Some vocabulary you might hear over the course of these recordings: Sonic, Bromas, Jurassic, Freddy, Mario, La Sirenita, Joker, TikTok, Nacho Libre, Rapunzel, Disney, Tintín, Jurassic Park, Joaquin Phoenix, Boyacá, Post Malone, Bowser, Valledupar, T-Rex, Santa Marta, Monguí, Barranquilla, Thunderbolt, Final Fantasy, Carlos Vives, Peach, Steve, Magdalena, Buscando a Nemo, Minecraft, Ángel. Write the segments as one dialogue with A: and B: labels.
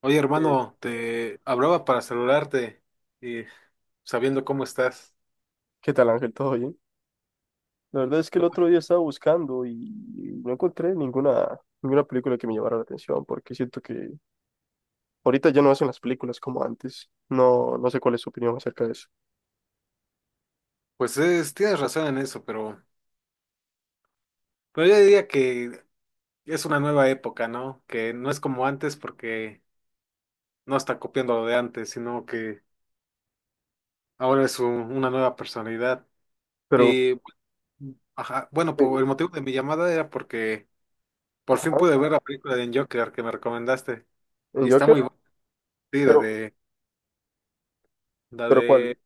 A: Oye,
B: Eh,
A: hermano, te hablaba para saludarte y sabiendo cómo estás.
B: ¿Qué tal, Ángel? ¿Todo bien? La verdad es que el otro día estaba buscando y no encontré ninguna película que me llamara la atención, porque siento que ahorita ya no hacen las películas como antes. No, no sé cuál es su opinión acerca de eso.
A: Tienes razón en eso, pero yo diría que es una nueva época, ¿no? Que no es como antes porque no está copiando lo de antes, sino que ahora es una nueva personalidad.
B: Pero,
A: Y bueno, ajá, bueno,
B: eh,
A: por el motivo de mi llamada era porque por fin
B: ajá,
A: pude ver la película de Joker que me recomendaste.
B: ¿el
A: Y está muy
B: Joker?
A: buena, sí, la
B: Pero,
A: de, la
B: ¿pero cuál?
A: de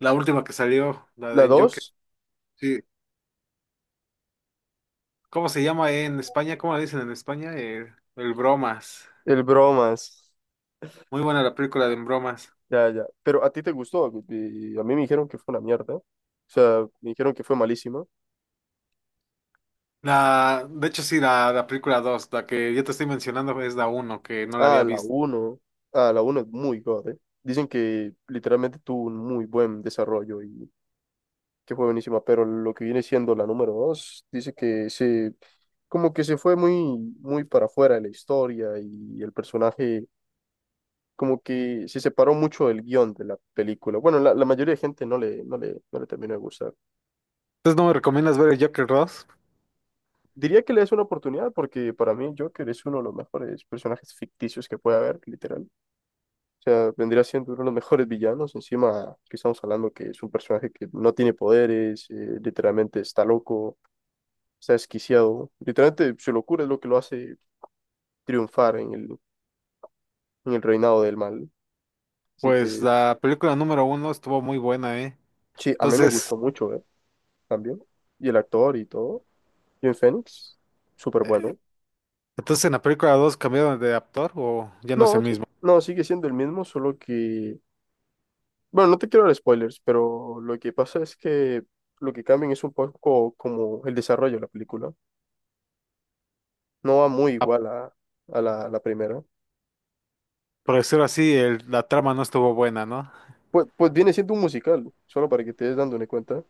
A: la última que salió, la
B: ¿La
A: de Joker.
B: dos?
A: Sí. ¿Cómo se llama en España? ¿Cómo la dicen en España? El Bromas.
B: El bromas.
A: Muy buena la película de Bromas.
B: Ya, ya. Pero a ti te gustó. Y a mí me dijeron que fue una mierda. O sea, me dijeron que fue malísima.
A: La, de hecho, sí, la película 2, la que yo te estoy mencionando es la uno que no la
B: Ah,
A: había
B: la
A: visto.
B: uno, Ah, la uno es muy god. Dicen que literalmente tuvo un muy buen desarrollo y que fue buenísima, pero lo que viene siendo la número dos, como que se fue muy, muy para afuera de la historia y el personaje como que se separó mucho del guión de la película. Bueno, la mayoría de gente no le terminó de gustar.
A: Entonces, ¿no me recomiendas ver el Joker dos?
B: Diría que le es una oportunidad porque para mí Joker es uno de los mejores personajes ficticios que puede haber, literal. O sea, vendría siendo uno de los mejores villanos. Encima que estamos hablando que es un personaje que no tiene poderes, literalmente está loco. Está desquiciado. ¿No? Literalmente su locura es lo que lo hace triunfar en el reinado del mal. Así que,
A: Pues la película número uno estuvo muy buena, ¿eh?
B: sí, a mí me
A: Entonces,
B: gustó mucho, ¿eh? También. Y el actor y todo. Joaquin Phoenix, súper
A: eh,
B: bueno.
A: entonces ¿en la película 2 cambiaron de actor o ya no es el
B: No, sí,
A: mismo?
B: no, sigue siendo el mismo, solo que... Bueno, no te quiero dar spoilers, pero lo que pasa es que lo que cambian es un poco como el desarrollo de la película. No va muy
A: Ah,
B: igual a, a la primera.
A: por decirlo así, la trama no estuvo buena, ¿no?
B: Pues viene siendo un musical, solo para que te des dando una cuenta.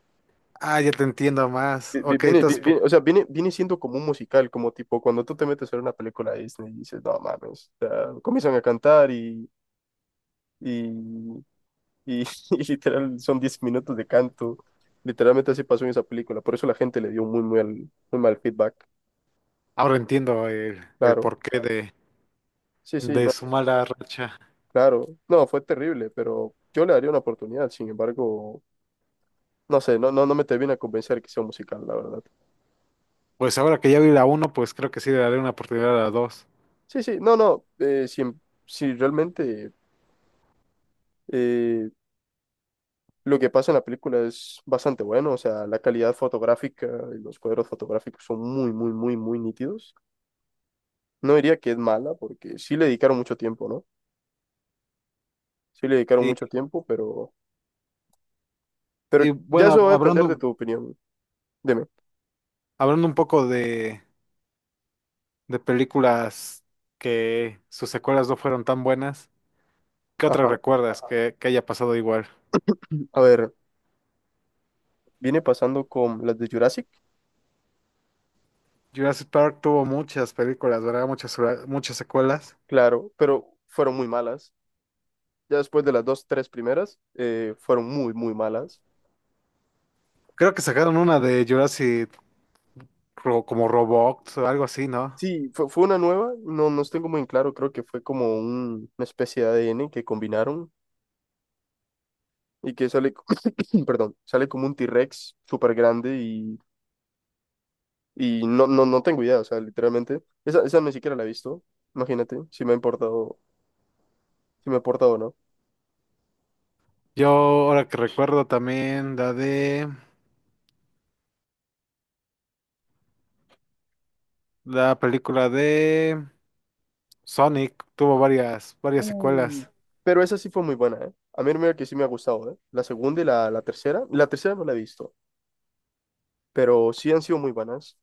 A: Ah, ya te entiendo más.
B: vi- vi-
A: Ok,
B: Viene, vi- vi- o sea, viene siendo como un musical, como tipo cuando tú te metes a ver una película de Disney y dices, no mames, o sea, comienzan a cantar y, y, y literal son 10 minutos de canto. Literalmente así pasó en esa película, por eso la gente le dio muy, muy, muy mal feedback.
A: ahora entiendo el
B: Claro,
A: porqué
B: sí, sí,
A: de
B: no,
A: su mala racha.
B: claro, no, fue terrible, pero yo le daría una oportunidad, sin embargo, no sé, no, no, no me termina a convencer que sea un musical, la verdad.
A: Pues ahora que ya vi la uno, pues creo que sí le daré una oportunidad a la 2.
B: Sí, sí, no, no, si, si realmente. eh, Lo que pasa en la película es bastante bueno, o sea, la calidad fotográfica y los cuadros fotográficos son muy, muy, muy, muy nítidos. No diría que es mala, porque sí le dedicaron mucho tiempo, ¿no? Sí le dedicaron
A: Y,
B: mucho tiempo, pero
A: y
B: ya
A: bueno,
B: eso va
A: hab-
B: a depender de
A: hablando,
B: tu opinión. Dime.
A: hablando un poco de películas que sus secuelas no fueron tan buenas, ¿qué otras
B: Ajá.
A: recuerdas que haya pasado igual?
B: A ver, viene pasando con las de Jurassic,
A: Jurassic Park tuvo muchas películas, ¿verdad? Muchas, muchas secuelas.
B: claro, pero fueron muy malas. Ya después de las dos, tres primeras, fueron muy, muy malas.
A: Creo que sacaron una de Jurassic como Robot o algo así, ¿no?
B: Sí, fue una nueva, no, no tengo muy en claro, creo que fue como una especie de ADN que combinaron y que sale, perdón, sale como un T-Rex súper grande y no, no, no tengo idea, o sea, literalmente, esa ni siquiera la he visto, imagínate, si me ha importado, si me ha importado o no.
A: Yo ahora que recuerdo también la película de Sonic, tuvo varias
B: Uh,
A: secuelas.
B: Pero esa sí fue muy buena, ¿eh? A mí mira que sí me ha gustado, ¿eh? La segunda y la tercera no la he visto, pero sí han sido muy buenas.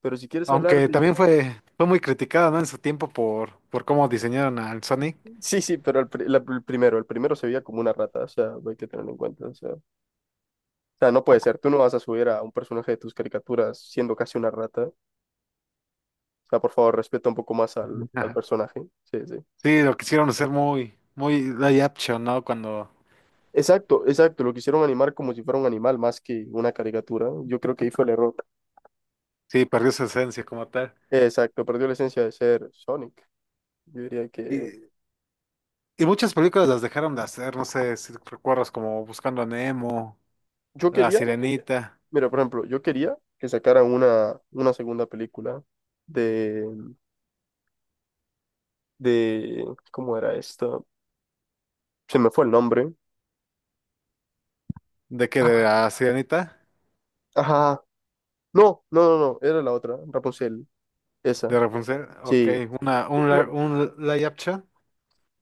B: Pero si quieres hablar
A: Aunque
B: de...
A: también fue muy criticada, ¿no? En su tiempo por cómo diseñaron al Sonic.
B: Sí, sí, pero el, pri- la- el primero se veía como una rata, o sea, hay que tenerlo en cuenta, o sea, no puede ser, tú no vas a subir a un personaje de tus caricaturas siendo casi una rata. O sea, por favor, respeta un poco más al,
A: Ujú.
B: al
A: Ajá.
B: personaje. Sí, sí.
A: Sí, lo quisieron hacer muy, muy live action, ¿no? Cuando
B: Exacto, exacto. Lo quisieron animar como si fuera un animal más que una caricatura. Yo creo que ahí fue el error.
A: sí, perdió su esencia como tal.
B: Exacto, perdió la esencia de ser Sonic. Yo diría que...
A: Y, y muchas películas las dejaron de hacer, no sé si recuerdas como Buscando a Nemo,
B: Yo
A: La
B: quería,
A: Sirenita.
B: mira, por ejemplo, yo quería que sacaran una segunda película de, de... ¿Cómo era esta? Se me fue el nombre.
A: ¿De qué? ¿De la Sirenita?
B: Ajá. No, no, no, no. Era la otra, Rapunzel. Esa.
A: ¿De Rapunzel? Ok,
B: Sí. No,
A: un live action.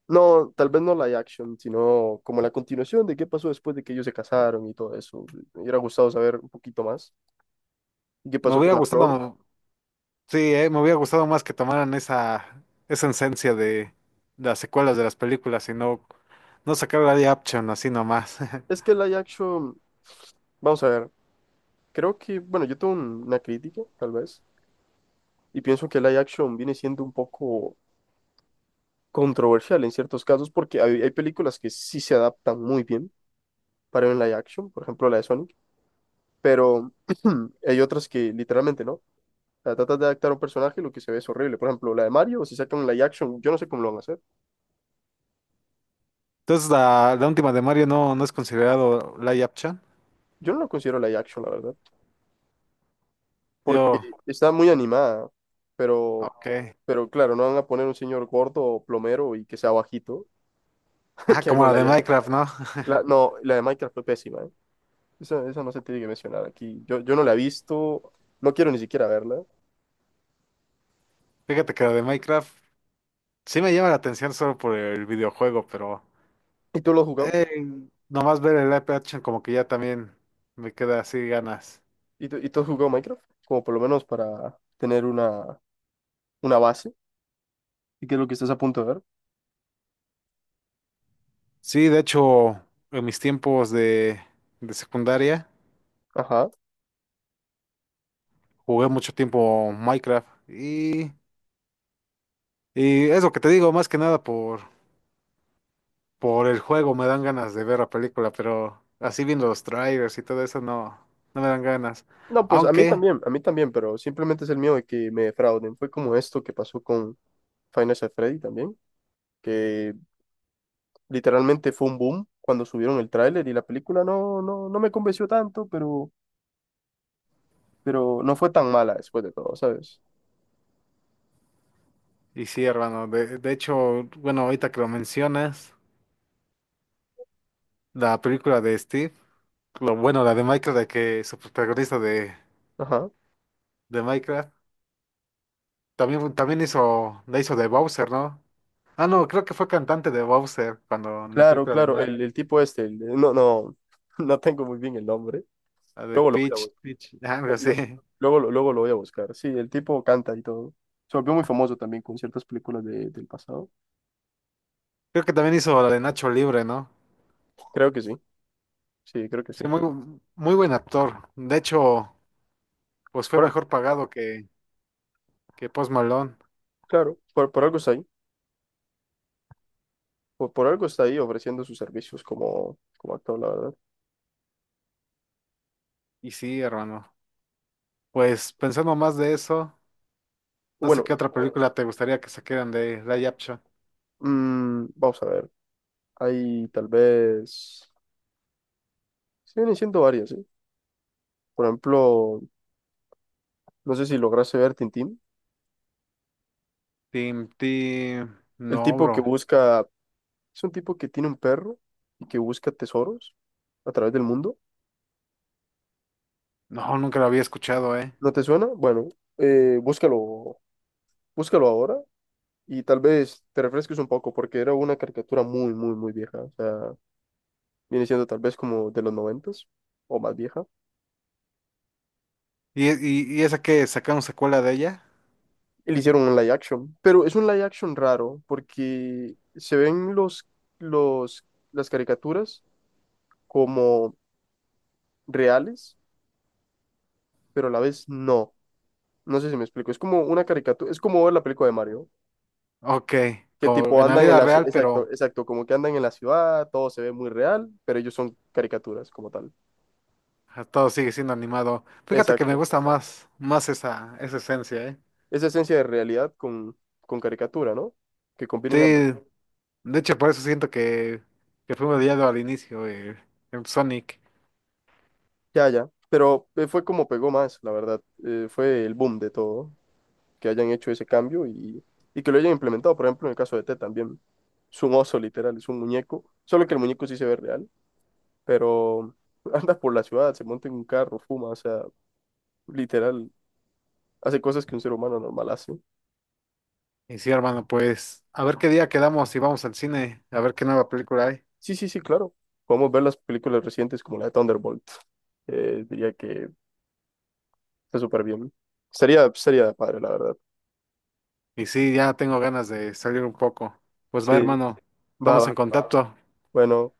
B: no, tal vez no live action, sino como la continuación de qué pasó después de que ellos se casaron y todo eso. Me hubiera gustado saber un poquito más. ¿Y qué
A: Me
B: pasó
A: hubiera
B: con la flor?
A: gustado. Sí, me hubiera gustado más que tomaran esa esencia de las secuelas de las películas y no, no sacar live action así nomás.
B: Es que live action, vamos a ver, creo que, bueno, yo tengo una crítica, tal vez, y pienso que live action viene siendo un poco controversial en ciertos casos porque hay películas que sí se adaptan muy bien para un live action, por ejemplo la de Sonic, pero hay otras que literalmente no. O sea, tratas de adaptar a un personaje y lo que se ve es horrible. Por ejemplo, la de Mario, si sacan un live action, yo no sé cómo lo van a hacer.
A: Entonces, la última de Mario no, no es considerado live action.
B: Yo no lo considero live action, la verdad, porque
A: Yo,
B: está muy animada, pero,
A: ok.
B: pero claro, no van a poner un señor gordo o plomero y que sea bajito
A: Ah,
B: que
A: como
B: haga un
A: la de
B: live action.
A: Minecraft, ¿no?
B: La- no, la de Minecraft fue pésima, ¿eh? Esa no se tiene que mencionar aquí. Yo no la he visto, no quiero ni siquiera verla.
A: Fíjate que la de Minecraft sí me llama la atención solo por el videojuego, pero
B: ¿Y tú lo has jugado?
A: eh, nomás ver el live action como que ya también me queda así ganas.
B: ¿Y tú has jugado Minecraft? Como por lo menos para tener una base. ¿Y qué es lo que estás a punto de ver?
A: Sí, de hecho, en mis tiempos de secundaria.
B: Ajá.
A: Jugué mucho tiempo Minecraft y es lo que te digo, más que nada por, por el juego me dan ganas de ver la película, pero así viendo los trailers y todo eso no, no me dan ganas.
B: No, pues
A: Aunque,
B: a mí también, pero simplemente es el miedo de que me defrauden. Fue como esto que pasó con Final Fantasy Freddy también que literalmente fue un boom cuando subieron el tráiler y la película no, no, no me convenció tanto, pero no fue tan mala después de todo, ¿sabes?
A: y sí, hermano, de hecho, bueno, ahorita que lo mencionas, la película de Steve, lo bueno, la de Minecraft, de que su protagonista
B: Ajá.
A: de Minecraft, también hizo, la hizo de Bowser, ¿no? Ah, no, creo que fue cantante de Bowser cuando en la
B: Claro,
A: película de
B: claro, el,
A: Mario,
B: el tipo este, no, no, no tengo muy bien el nombre.
A: la de
B: Luego lo voy a
A: Peach, algo
B: buscar.
A: así.
B: Luego, luego lo voy a buscar. Sí, el tipo canta y todo. Se volvió muy famoso también con ciertas películas del pasado.
A: Creo que también hizo la de Nacho Libre, ¿no?
B: Creo que sí, sí, creo que
A: Sí,
B: sí.
A: muy buen actor. De hecho, pues fue
B: Por-
A: mejor pagado que Post Malone.
B: claro, por algo está ahí. Por algo está ahí ofreciendo sus servicios como actor, la verdad.
A: Y sí, hermano. Pues pensando más de eso, no sé
B: Bueno,
A: qué otra película te gustaría que saquieran de Live Action.
B: vamos a ver. Hay tal vez, sí vienen siendo varias, ¿sí? Por ejemplo, no sé si lograste ver Tintín.
A: Tim, Tim.
B: El
A: No,
B: tipo que
A: bro.
B: busca, es un tipo que tiene un perro y que busca tesoros a través del mundo.
A: No, nunca la había escuchado, ¿eh?
B: ¿No te suena? Bueno, búscalo, búscalo ahora y tal vez te refresques un poco porque era una caricatura muy, muy, muy vieja. O sea, viene siendo tal vez como de los 90 o más vieja.
A: ¿Y, y esa que sacaron secuela de ella?
B: Y le hicieron un live action, pero es un live action raro porque se ven los, las caricaturas como reales, pero a la vez no. No sé si me explico. Es como una caricatura, es como ver la película de Mario,
A: Ok,
B: que
A: como
B: tipo
A: en la
B: andan en
A: vida
B: la
A: real,
B: ciudad, exacto,
A: pero
B: exacto, como que andan en la ciudad, todo se ve muy real, pero ellos son caricaturas como tal.
A: todo sigue siendo animado. Fíjate que me
B: Exacto.
A: gusta más, más esa, esa esencia, ¿eh?
B: Esa esencia de realidad con caricatura, ¿no? Que
A: Sí,
B: combinen ambas.
A: de hecho, por eso siento que fuimos odiado al inicio, en Sonic.
B: Ya, ya. Pero fue como pegó más, la verdad. Fue el boom de todo, que hayan hecho ese cambio y que lo hayan implementado, por ejemplo, en el caso de T también. Es un oso, literal, es un muñeco, solo que el muñeco sí se ve real pero anda por la ciudad, se monta en un carro, fuma, o sea, literal, hace cosas que un ser humano normal hace.
A: Y sí, hermano, pues a ver qué día quedamos y vamos al cine, a ver qué nueva película hay.
B: Sí, sí, sí, claro. Podemos ver las películas recientes como la de Thunderbolt. Diría que está súper bien. Sería padre, la verdad.
A: Y sí, ya tengo ganas de salir un poco. Pues va,
B: Sí,
A: hermano,
B: va,
A: estamos en
B: va.
A: contacto.
B: Bueno.